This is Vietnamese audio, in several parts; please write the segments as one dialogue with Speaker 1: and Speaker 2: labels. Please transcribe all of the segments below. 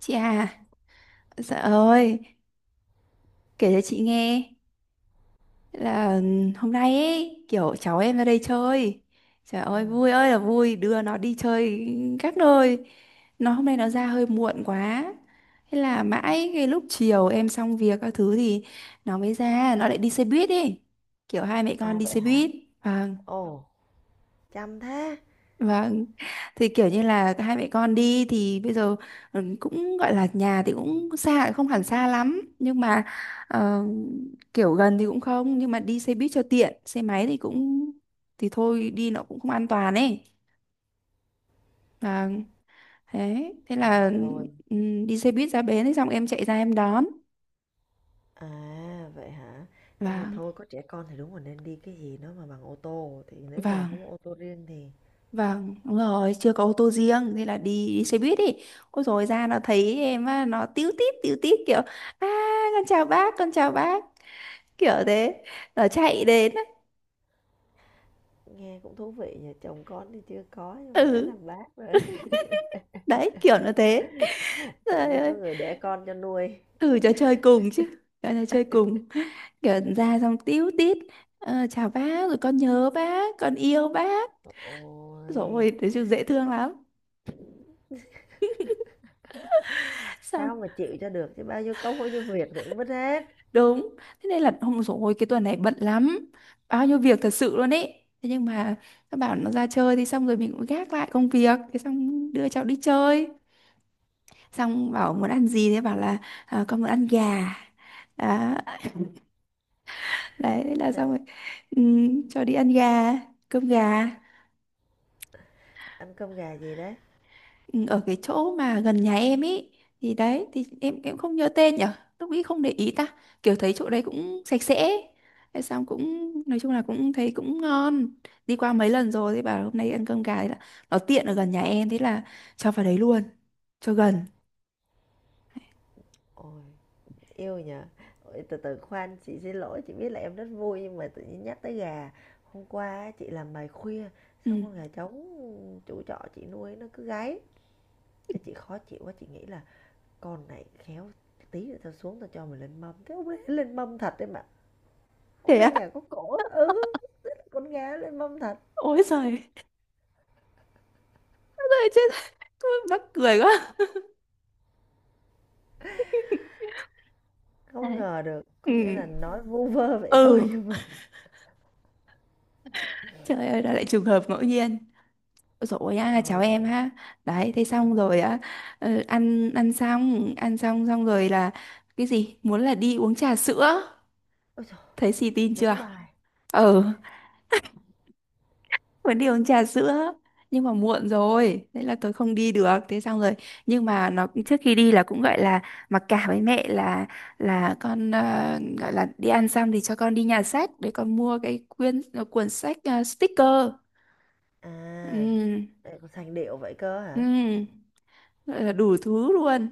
Speaker 1: Chị à, dạ ơi, kể cho chị nghe là hôm nay ấy, kiểu cháu em ra đây chơi. Trời ơi,
Speaker 2: Ừm,
Speaker 1: vui ơi là vui, đưa nó đi chơi các nơi. Nó hôm nay nó ra hơi muộn quá. Thế là mãi cái lúc chiều em xong việc các thứ thì nó mới ra, nó lại đi xe buýt đi. Kiểu hai mẹ con
Speaker 2: à,
Speaker 1: đi
Speaker 2: vậy
Speaker 1: xe
Speaker 2: hả?
Speaker 1: buýt. Vâng.
Speaker 2: Ồ. Chăm thế.
Speaker 1: Vâng, thì kiểu như là hai mẹ con đi thì bây giờ cũng gọi là nhà thì cũng xa không hẳn xa lắm nhưng mà ờ, kiểu gần thì cũng không nhưng mà đi xe buýt cho tiện, xe máy thì cũng thì thôi, đi nó cũng không an toàn ấy. Vâng. Thế thế là
Speaker 2: Thôi,
Speaker 1: ừ, đi xe buýt ra bến ấy, xong em chạy ra em đón.
Speaker 2: à, vậy hả? Nhưng mà
Speaker 1: Vâng.
Speaker 2: thôi có trẻ con thì đúng là nên đi cái gì nó mà bằng ô tô, thì nếu nhà
Speaker 1: Vâng.
Speaker 2: không có ô tô riêng thì
Speaker 1: Vâng, đúng rồi, chưa có ô tô riêng, thế là đi xe buýt đi. Ôi rồi ra nó thấy em á, nó tíu tít kiểu à, con chào bác, con chào bác, kiểu thế, nó chạy đến ấy.
Speaker 2: nghe cũng thú vị nhỉ, chồng con thì chưa có nhưng mà đã
Speaker 1: Ừ.
Speaker 2: làm bác rồi.
Speaker 1: Đấy, kiểu nó thế.
Speaker 2: Tự
Speaker 1: Trời
Speaker 2: nhiên có
Speaker 1: ơi.
Speaker 2: người đẻ con cho nuôi.
Speaker 1: Ừ, cho chơi cùng chứ, cho nó chơi cùng, kiểu ra xong tíu tít chào bác rồi con nhớ bác con yêu bác
Speaker 2: Ôi,
Speaker 1: rồi, thế chứ dễ thương lắm. Xong.
Speaker 2: sao mà chịu cho được chứ bao nhiêu công bao nhiêu việc thì cũng mất hết.
Speaker 1: Đúng. Thế nên là hôm rồi cái tuần này bận lắm, bao nhiêu việc thật sự luôn ấy, thế nhưng mà nó bảo nó ra chơi thì xong rồi mình cũng gác lại công việc, thế xong đưa cháu đi chơi, xong bảo muốn ăn gì, thế bảo là "Ờ, con muốn ăn gà." Đó, đấy thế là xong
Speaker 2: Thế
Speaker 1: rồi, cho đi ăn gà, cơm gà.
Speaker 2: ăn cơm gà gì đấy?
Speaker 1: Ừ, ở cái chỗ mà gần nhà em ý, thì đấy thì em không nhớ tên nhở, lúc ấy không để ý ta, kiểu thấy chỗ đấy cũng sạch sẽ ấy, thế xong cũng nói chung là cũng thấy cũng ngon, đi qua mấy lần rồi thì bảo hôm nay ăn cơm gà, thế là nó tiện ở gần nhà em, thế là cho vào đấy luôn, cho gần.
Speaker 2: Ôi. Yêu nhỉ? Ôi, từ từ khoan, chị xin lỗi, chị biết là em rất vui nhưng mà tự nhiên nhắc tới gà. Hôm qua á, chị làm bài khuya,
Speaker 1: Ừ.
Speaker 2: xong con gà trống chủ trọ chị nuôi nó cứ gáy. Thế chị khó chịu quá, chị nghĩ là con này khéo tí nữa tao xuống tao cho mày lên mâm. Thế hôm nay lên mâm thật đấy mà. Hôm
Speaker 1: Thế
Speaker 2: nay
Speaker 1: á.
Speaker 2: nhà có cổ, á. Ừ, con gà lên mâm thật.
Speaker 1: Ôi giời. Ôi giời, chết. Mắc cười quá.
Speaker 2: Không
Speaker 1: Đấy.
Speaker 2: ngờ được,
Speaker 1: Ừ.
Speaker 2: có nghĩa là nói vu vơ vậy thôi
Speaker 1: Ừ.
Speaker 2: nhưng mà
Speaker 1: Trời ơi, đó lại trường hợp ngẫu nhiên. Ôi dồi ôi à, cháu
Speaker 2: thôi thì...
Speaker 1: em ha. Đấy, thế
Speaker 2: ờ,
Speaker 1: xong rồi á, ăn ăn xong xong rồi là cái gì? Muốn là đi uống trà sữa.
Speaker 2: ôi trời,
Speaker 1: Thấy xì tin chưa?
Speaker 2: đúng bài.
Speaker 1: Ừ, muốn đi uống trà sữa. Nhưng mà muộn rồi, thế là tôi không đi được. Thế xong rồi, nhưng mà nó trước khi đi là cũng gọi là mặc cả với mẹ là con gọi là đi ăn xong thì cho con đi nhà sách để con mua cái quyển cuốn sách sticker.
Speaker 2: À,
Speaker 1: Ừ.
Speaker 2: lại còn sành điệu vậy cơ hả?
Speaker 1: Ừ, gọi là đủ thứ luôn.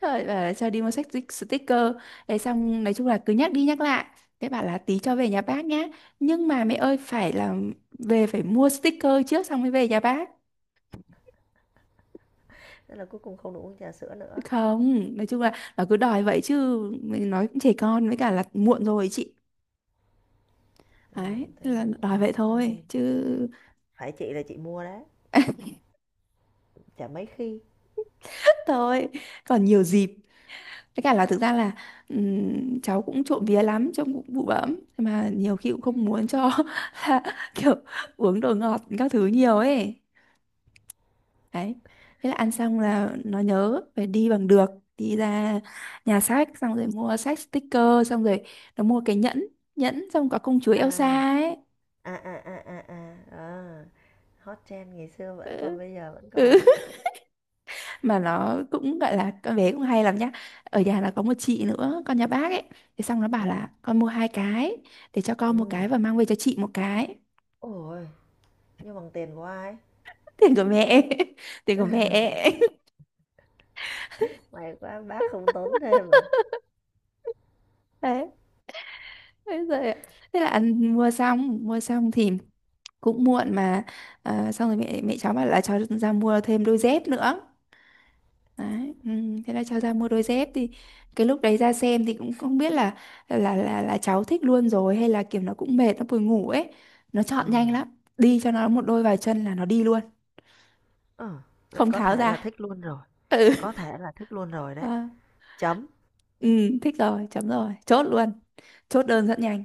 Speaker 1: Rồi bảo là cho đi mua sách sticker. Thế xong nói chung là cứ nhắc đi nhắc lại. Thế bảo là tí cho về nhà bác nhá. Nhưng mà mẹ ơi phải là về phải mua sticker trước xong mới về nhà bác.
Speaker 2: Thế là cuối cùng không được uống trà sữa nữa.
Speaker 1: Không, nói chung là nó cứ đòi vậy chứ mình nói cũng trẻ con với cả là muộn rồi chị. Đấy,
Speaker 2: Thế
Speaker 1: thế là
Speaker 2: thì muộn
Speaker 1: đòi
Speaker 2: rồi
Speaker 1: vậy
Speaker 2: cũng không
Speaker 1: thôi
Speaker 2: nên.
Speaker 1: chứ.
Speaker 2: Phải chị là chị mua đấy, chả mấy khi.
Speaker 1: Thôi, còn nhiều dịp. Với cả là thực ra là cháu cũng trộm vía lắm, trông cũng bụ bẫm mà nhiều khi cũng không muốn cho là kiểu uống đồ ngọt các thứ nhiều ấy. Đấy. Thế là ăn xong là nó nhớ phải đi bằng được, đi ra nhà sách xong rồi mua sách sticker xong rồi nó mua cái nhẫn, nhẫn xong có công chúa
Speaker 2: À,
Speaker 1: Elsa
Speaker 2: à,
Speaker 1: ấy.
Speaker 2: à, à, à, à, à. Hot trend ngày xưa vẫn
Speaker 1: Ừ.
Speaker 2: còn bây giờ vẫn còn.
Speaker 1: Mà nó cũng gọi là con bé cũng hay lắm nhá, ở nhà là có một chị nữa con nhà bác ấy, thế xong nó bảo
Speaker 2: Ừ,
Speaker 1: là con mua hai cái, để cho con một
Speaker 2: ừ.
Speaker 1: cái và mang về cho chị một cái.
Speaker 2: Ôi, nhưng bằng tiền của ai?
Speaker 1: Tiền của mẹ. Tiền của mẹ.
Speaker 2: May quá bác không tốn thêm à.
Speaker 1: Đấy, thế rồi, thế là ăn mua xong thì cũng muộn mà. À, xong rồi mẹ mẹ cháu bảo là cháu ra mua thêm đôi dép nữa. Đấy. Ừ, thế là cho ra mua đôi dép thì cái lúc đấy ra xem thì cũng không biết là cháu thích luôn rồi hay là kiểu nó cũng mệt nó buồn ngủ ấy, nó
Speaker 2: Ừ.
Speaker 1: chọn nhanh lắm, đi cho nó một đôi vào chân là nó đi luôn,
Speaker 2: Ờ, vậy
Speaker 1: không
Speaker 2: có
Speaker 1: tháo
Speaker 2: thể là
Speaker 1: ra.
Speaker 2: thích luôn rồi.
Speaker 1: Ừ.
Speaker 2: Có thể là thích luôn rồi đấy.
Speaker 1: À,
Speaker 2: Chấm.
Speaker 1: ừ, thích rồi chấm rồi chốt luôn, chốt đơn rất nhanh.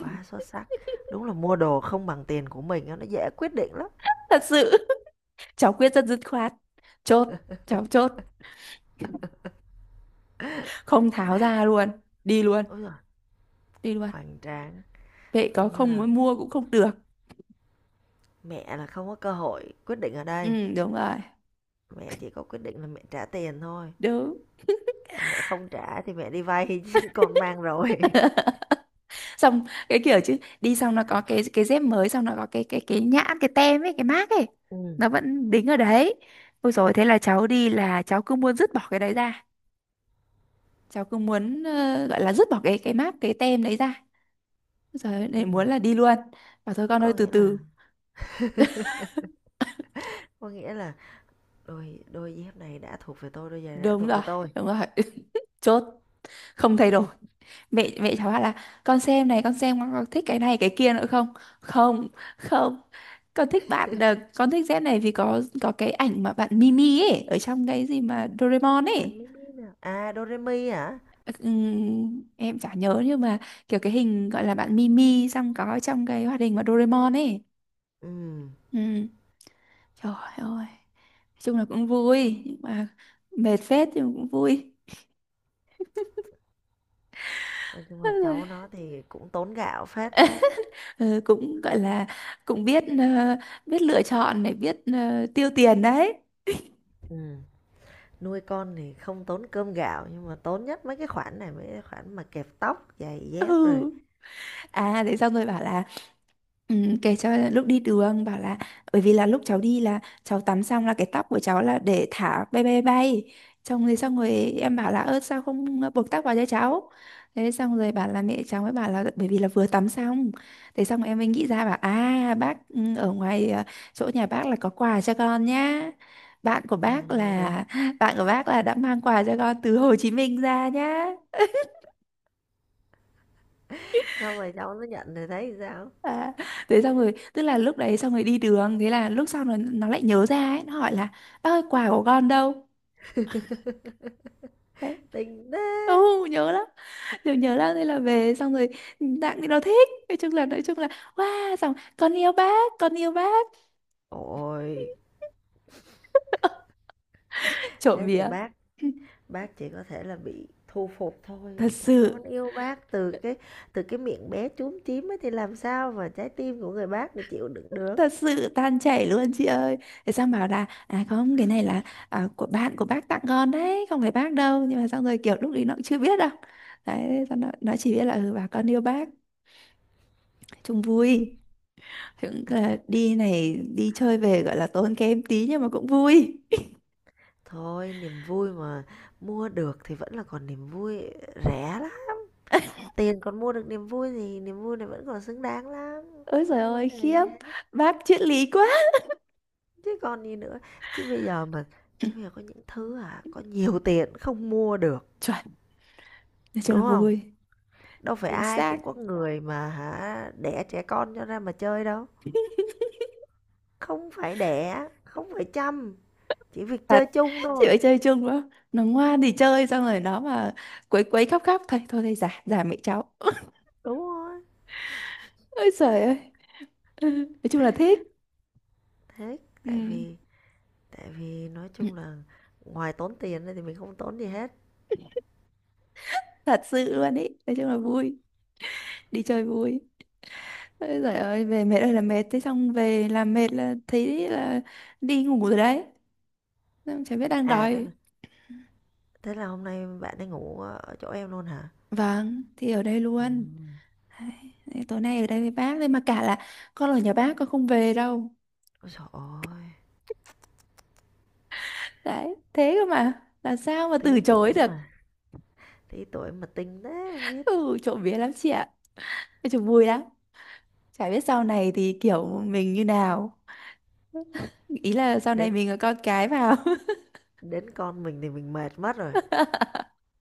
Speaker 2: Quá xuất sắc. Đúng là mua đồ không bằng tiền của mình á, nó dễ quyết định lắm.
Speaker 1: Thật sự. Cháu quyết rất dứt khoát, chốt, cháu chốt, không tháo ra luôn, đi luôn,
Speaker 2: Ôi giời,
Speaker 1: đi luôn.
Speaker 2: hoành tráng.
Speaker 1: Vậy
Speaker 2: Coi
Speaker 1: có
Speaker 2: như
Speaker 1: không
Speaker 2: là
Speaker 1: muốn mua cũng không được.
Speaker 2: mẹ là không có cơ hội quyết định ở đây,
Speaker 1: Ừ, đúng rồi.
Speaker 2: mẹ chỉ có quyết định là mẹ trả tiền thôi,
Speaker 1: Đúng.
Speaker 2: còn mẹ không trả thì mẹ đi vay chứ con mang rồi.
Speaker 1: Xong cái kiểu chứ đi xong nó có cái dép mới, xong nó có cái nhãn cái tem ấy cái mác ấy,
Speaker 2: Ừm,
Speaker 1: nó vẫn đính ở đấy. Ôi rồi thế là cháu đi là cháu cứ muốn dứt bỏ cái đấy ra, cháu cứ muốn gọi là dứt bỏ cái mác cái tem đấy ra, rồi để
Speaker 2: ừm.
Speaker 1: muốn là đi luôn. Bảo thôi con ơi
Speaker 2: Có
Speaker 1: từ
Speaker 2: nghĩa là
Speaker 1: từ.
Speaker 2: có nghĩa là đôi đôi dép này đã thuộc về tôi, đôi giày này đã
Speaker 1: Đúng
Speaker 2: thuộc
Speaker 1: rồi.
Speaker 2: về tôi.
Speaker 1: Đúng rồi. Chốt, không thay đổi. Mẹ mẹ cháu bảo là con xem này, con xem con có thích cái này cái kia nữa không. Không. Không. Con thích Z này vì có cái ảnh mà bạn Mimi ấy ở trong cái gì mà Doraemon ấy.
Speaker 2: Bạn mới biết là à, Doremi hả?
Speaker 1: Em chả nhớ nhưng mà kiểu cái hình gọi là bạn Mimi xong có trong cái hoạt hình mà Doraemon ấy.
Speaker 2: Ừm,
Speaker 1: Ừm, Trời ơi, nói chung là cũng vui nhưng mà mệt phết nhưng mà cũng vui.
Speaker 2: nói chung là cháu nó thì cũng tốn gạo phết đấy.
Speaker 1: Ừ, cũng gọi là cũng biết biết lựa chọn này, biết tiêu tiền đấy.
Speaker 2: Ừm, nuôi con thì không tốn cơm gạo nhưng mà tốn nhất mấy cái khoản này, mấy cái khoản mà kẹp tóc, giày dép
Speaker 1: Ừ.
Speaker 2: rồi.
Speaker 1: À, thế xong rồi bảo là Ừ, kể cho là lúc đi đường bảo là bởi vì là lúc cháu đi là cháu tắm xong là cái tóc của cháu là để thả bay bay bay, xong rồi em bảo là ơ sao không buộc tóc vào cho cháu, thế xong rồi bảo là mẹ cháu mới bảo là bởi vì là vừa tắm xong, thế xong em mới nghĩ ra bảo à bác ở ngoài chỗ nhà bác là có quà cho con nhá, bạn của
Speaker 2: À,
Speaker 1: bác là bạn của bác là đã mang quà cho con từ Hồ Chí Minh ra nhá.
Speaker 2: xong rồi cháu nó nhận rồi thấy sao?
Speaker 1: À, thế xong rồi tức là lúc đấy xong rồi đi đường, thế là lúc sau nó lại nhớ ra ấy, nó hỏi là bác ơi quà của con đâu. Đấy.
Speaker 2: Tình thế
Speaker 1: Ừ, nhớ lắm, nhớ nhớ lắm, thế là về xong rồi tặng thì nó thích, nói chung là wow, xong con yêu bác con yêu bác,
Speaker 2: ôi
Speaker 1: trộm
Speaker 2: thế thì
Speaker 1: vía.
Speaker 2: bác chỉ có thể là bị thu phục thôi,
Speaker 1: Thật
Speaker 2: con
Speaker 1: sự.
Speaker 2: yêu bác từ cái miệng bé chúm chím ấy thì làm sao mà trái tim của người bác để chịu đựng được.
Speaker 1: Thật sự tan chảy luôn chị ơi. Thế xong bảo là à không cái này là à, của bạn của bác tặng con đấy không phải bác đâu, nhưng mà xong rồi kiểu lúc đấy nó cũng chưa biết đâu. Đấy, xong nó chỉ biết là ừ bà con yêu bác, chung vui. Thì cũng là đi này đi chơi về gọi là tốn kém tí nhưng mà cũng vui.
Speaker 2: Thôi niềm vui mà, mua được thì vẫn là còn niềm vui, rẻ lắm. Tiền còn mua được niềm vui thì niềm vui này vẫn còn xứng đáng lắm,
Speaker 1: Ôi trời
Speaker 2: không có
Speaker 1: ơi
Speaker 2: vấn đề
Speaker 1: khiếp,
Speaker 2: gì,
Speaker 1: bác triết lý quá.
Speaker 2: chứ còn gì nữa. chứ bây giờ mà Chứ bây giờ có những thứ à có nhiều tiền không mua được,
Speaker 1: Chuẩn, nói chung là
Speaker 2: đúng không?
Speaker 1: vui.
Speaker 2: Đâu phải
Speaker 1: Chính
Speaker 2: ai
Speaker 1: xác.
Speaker 2: cũng có người mà hả đẻ trẻ con cho ra mà chơi đâu. Không phải đẻ, không phải chăm, chỉ việc
Speaker 1: Thật.
Speaker 2: chơi chung
Speaker 1: Chị phải
Speaker 2: thôi.
Speaker 1: chơi chung đó, nó ngoan thì chơi xong rồi nó mà quấy quấy khóc khóc thôi thôi thì giả giả mẹ cháu.
Speaker 2: Đúng rồi.
Speaker 1: Ôi trời ơi. Ừ, nói chung là thích.
Speaker 2: Thế tại
Speaker 1: Ừ,
Speaker 2: vì tại vì nói chung là ngoài tốn tiền ra thì mình không tốn gì hết.
Speaker 1: thật sự luôn ý, nói chung là vui, đi chơi vui. Ôi giời ơi về mệt ơi là mệt, thế xong về làm mệt là thấy là đi ngủ rồi đấy, xong chả biết đang
Speaker 2: À thế
Speaker 1: đói.
Speaker 2: là thế là hôm nay bạn ấy ngủ ở chỗ em luôn hả?
Speaker 1: Vâng, thì ở đây
Speaker 2: Ừ.
Speaker 1: luôn. Đấy, thế tối nay ở đây với bác đấy mà cả là con ở nhà bác con không về đâu,
Speaker 2: Ôi trời ơi,
Speaker 1: đấy thế cơ mà làm sao mà từ
Speaker 2: tí
Speaker 1: chối
Speaker 2: tuổi
Speaker 1: được.
Speaker 2: mà, tí tuổi mà tinh thế không biết.
Speaker 1: Ừ, trộm vía lắm chị ạ, nói chung vui lắm, chả biết sau này thì kiểu mình như nào, ý là sau này
Speaker 2: Đến
Speaker 1: mình có con cái vào.
Speaker 2: đến con mình thì mình mệt mất rồi.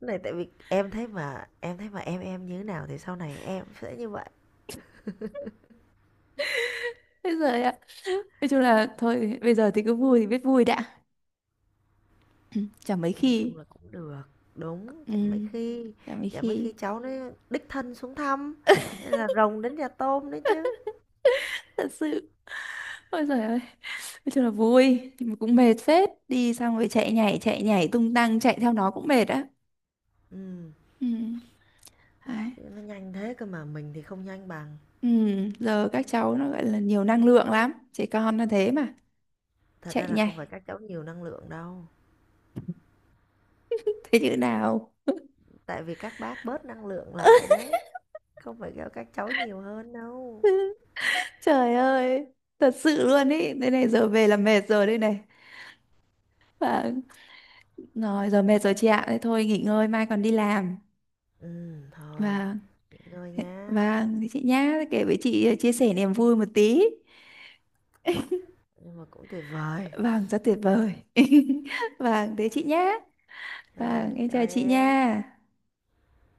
Speaker 2: Cái này tại vì em thấy mà em như thế nào thì sau này em sẽ như vậy.
Speaker 1: Ôi giời. Nói chung là thôi bây giờ thì cứ vui thì biết vui đã. Ừ, chả
Speaker 2: Thì
Speaker 1: mấy
Speaker 2: nói
Speaker 1: khi.
Speaker 2: chung là cũng được, đúng,
Speaker 1: Ừ,
Speaker 2: chả mấy khi,
Speaker 1: chả mấy
Speaker 2: chả mấy
Speaker 1: khi.
Speaker 2: khi cháu nó đích thân xuống thăm, nên là rồng đến nhà tôm đấy chứ.
Speaker 1: Thật sự. Ôi giời ơi. Nói chung là vui. Nhưng mà cũng mệt phết. Đi xong rồi chạy nhảy tung tăng, chạy theo nó cũng mệt á.
Speaker 2: Ừm,
Speaker 1: Ừ. Đấy.
Speaker 2: chứ nó nhanh thế cơ mà mình thì không nhanh bằng.
Speaker 1: Ừ. Giờ các cháu nó gọi là nhiều năng lượng lắm. Trẻ con nó thế mà.
Speaker 2: Thật ra
Speaker 1: Chạy
Speaker 2: là không phải
Speaker 1: nhảy.
Speaker 2: các cháu nhiều năng lượng đâu,
Speaker 1: Thế chữ nào?
Speaker 2: tại vì các bác bớt năng lượng lại đấy, không phải kêu các cháu nhiều hơn đâu.
Speaker 1: Trời ơi, thật sự luôn ý, thế này giờ về là mệt rồi đây này. Và. Rồi, giờ mệt rồi chị ạ. Thế thôi nghỉ ngơi, mai còn đi làm.
Speaker 2: Thôi,
Speaker 1: Vâng.
Speaker 2: nghỉ ngơi nha,
Speaker 1: Vâng, thế chị nhá, kể với chị chia sẻ niềm vui một tí.
Speaker 2: nhưng mà cũng tuyệt vời.
Speaker 1: Vâng, rất tuyệt vời. Vâng, thế chị nhá. Vâng,
Speaker 2: Rồi,
Speaker 1: em
Speaker 2: chào
Speaker 1: chào chị
Speaker 2: em.
Speaker 1: nha.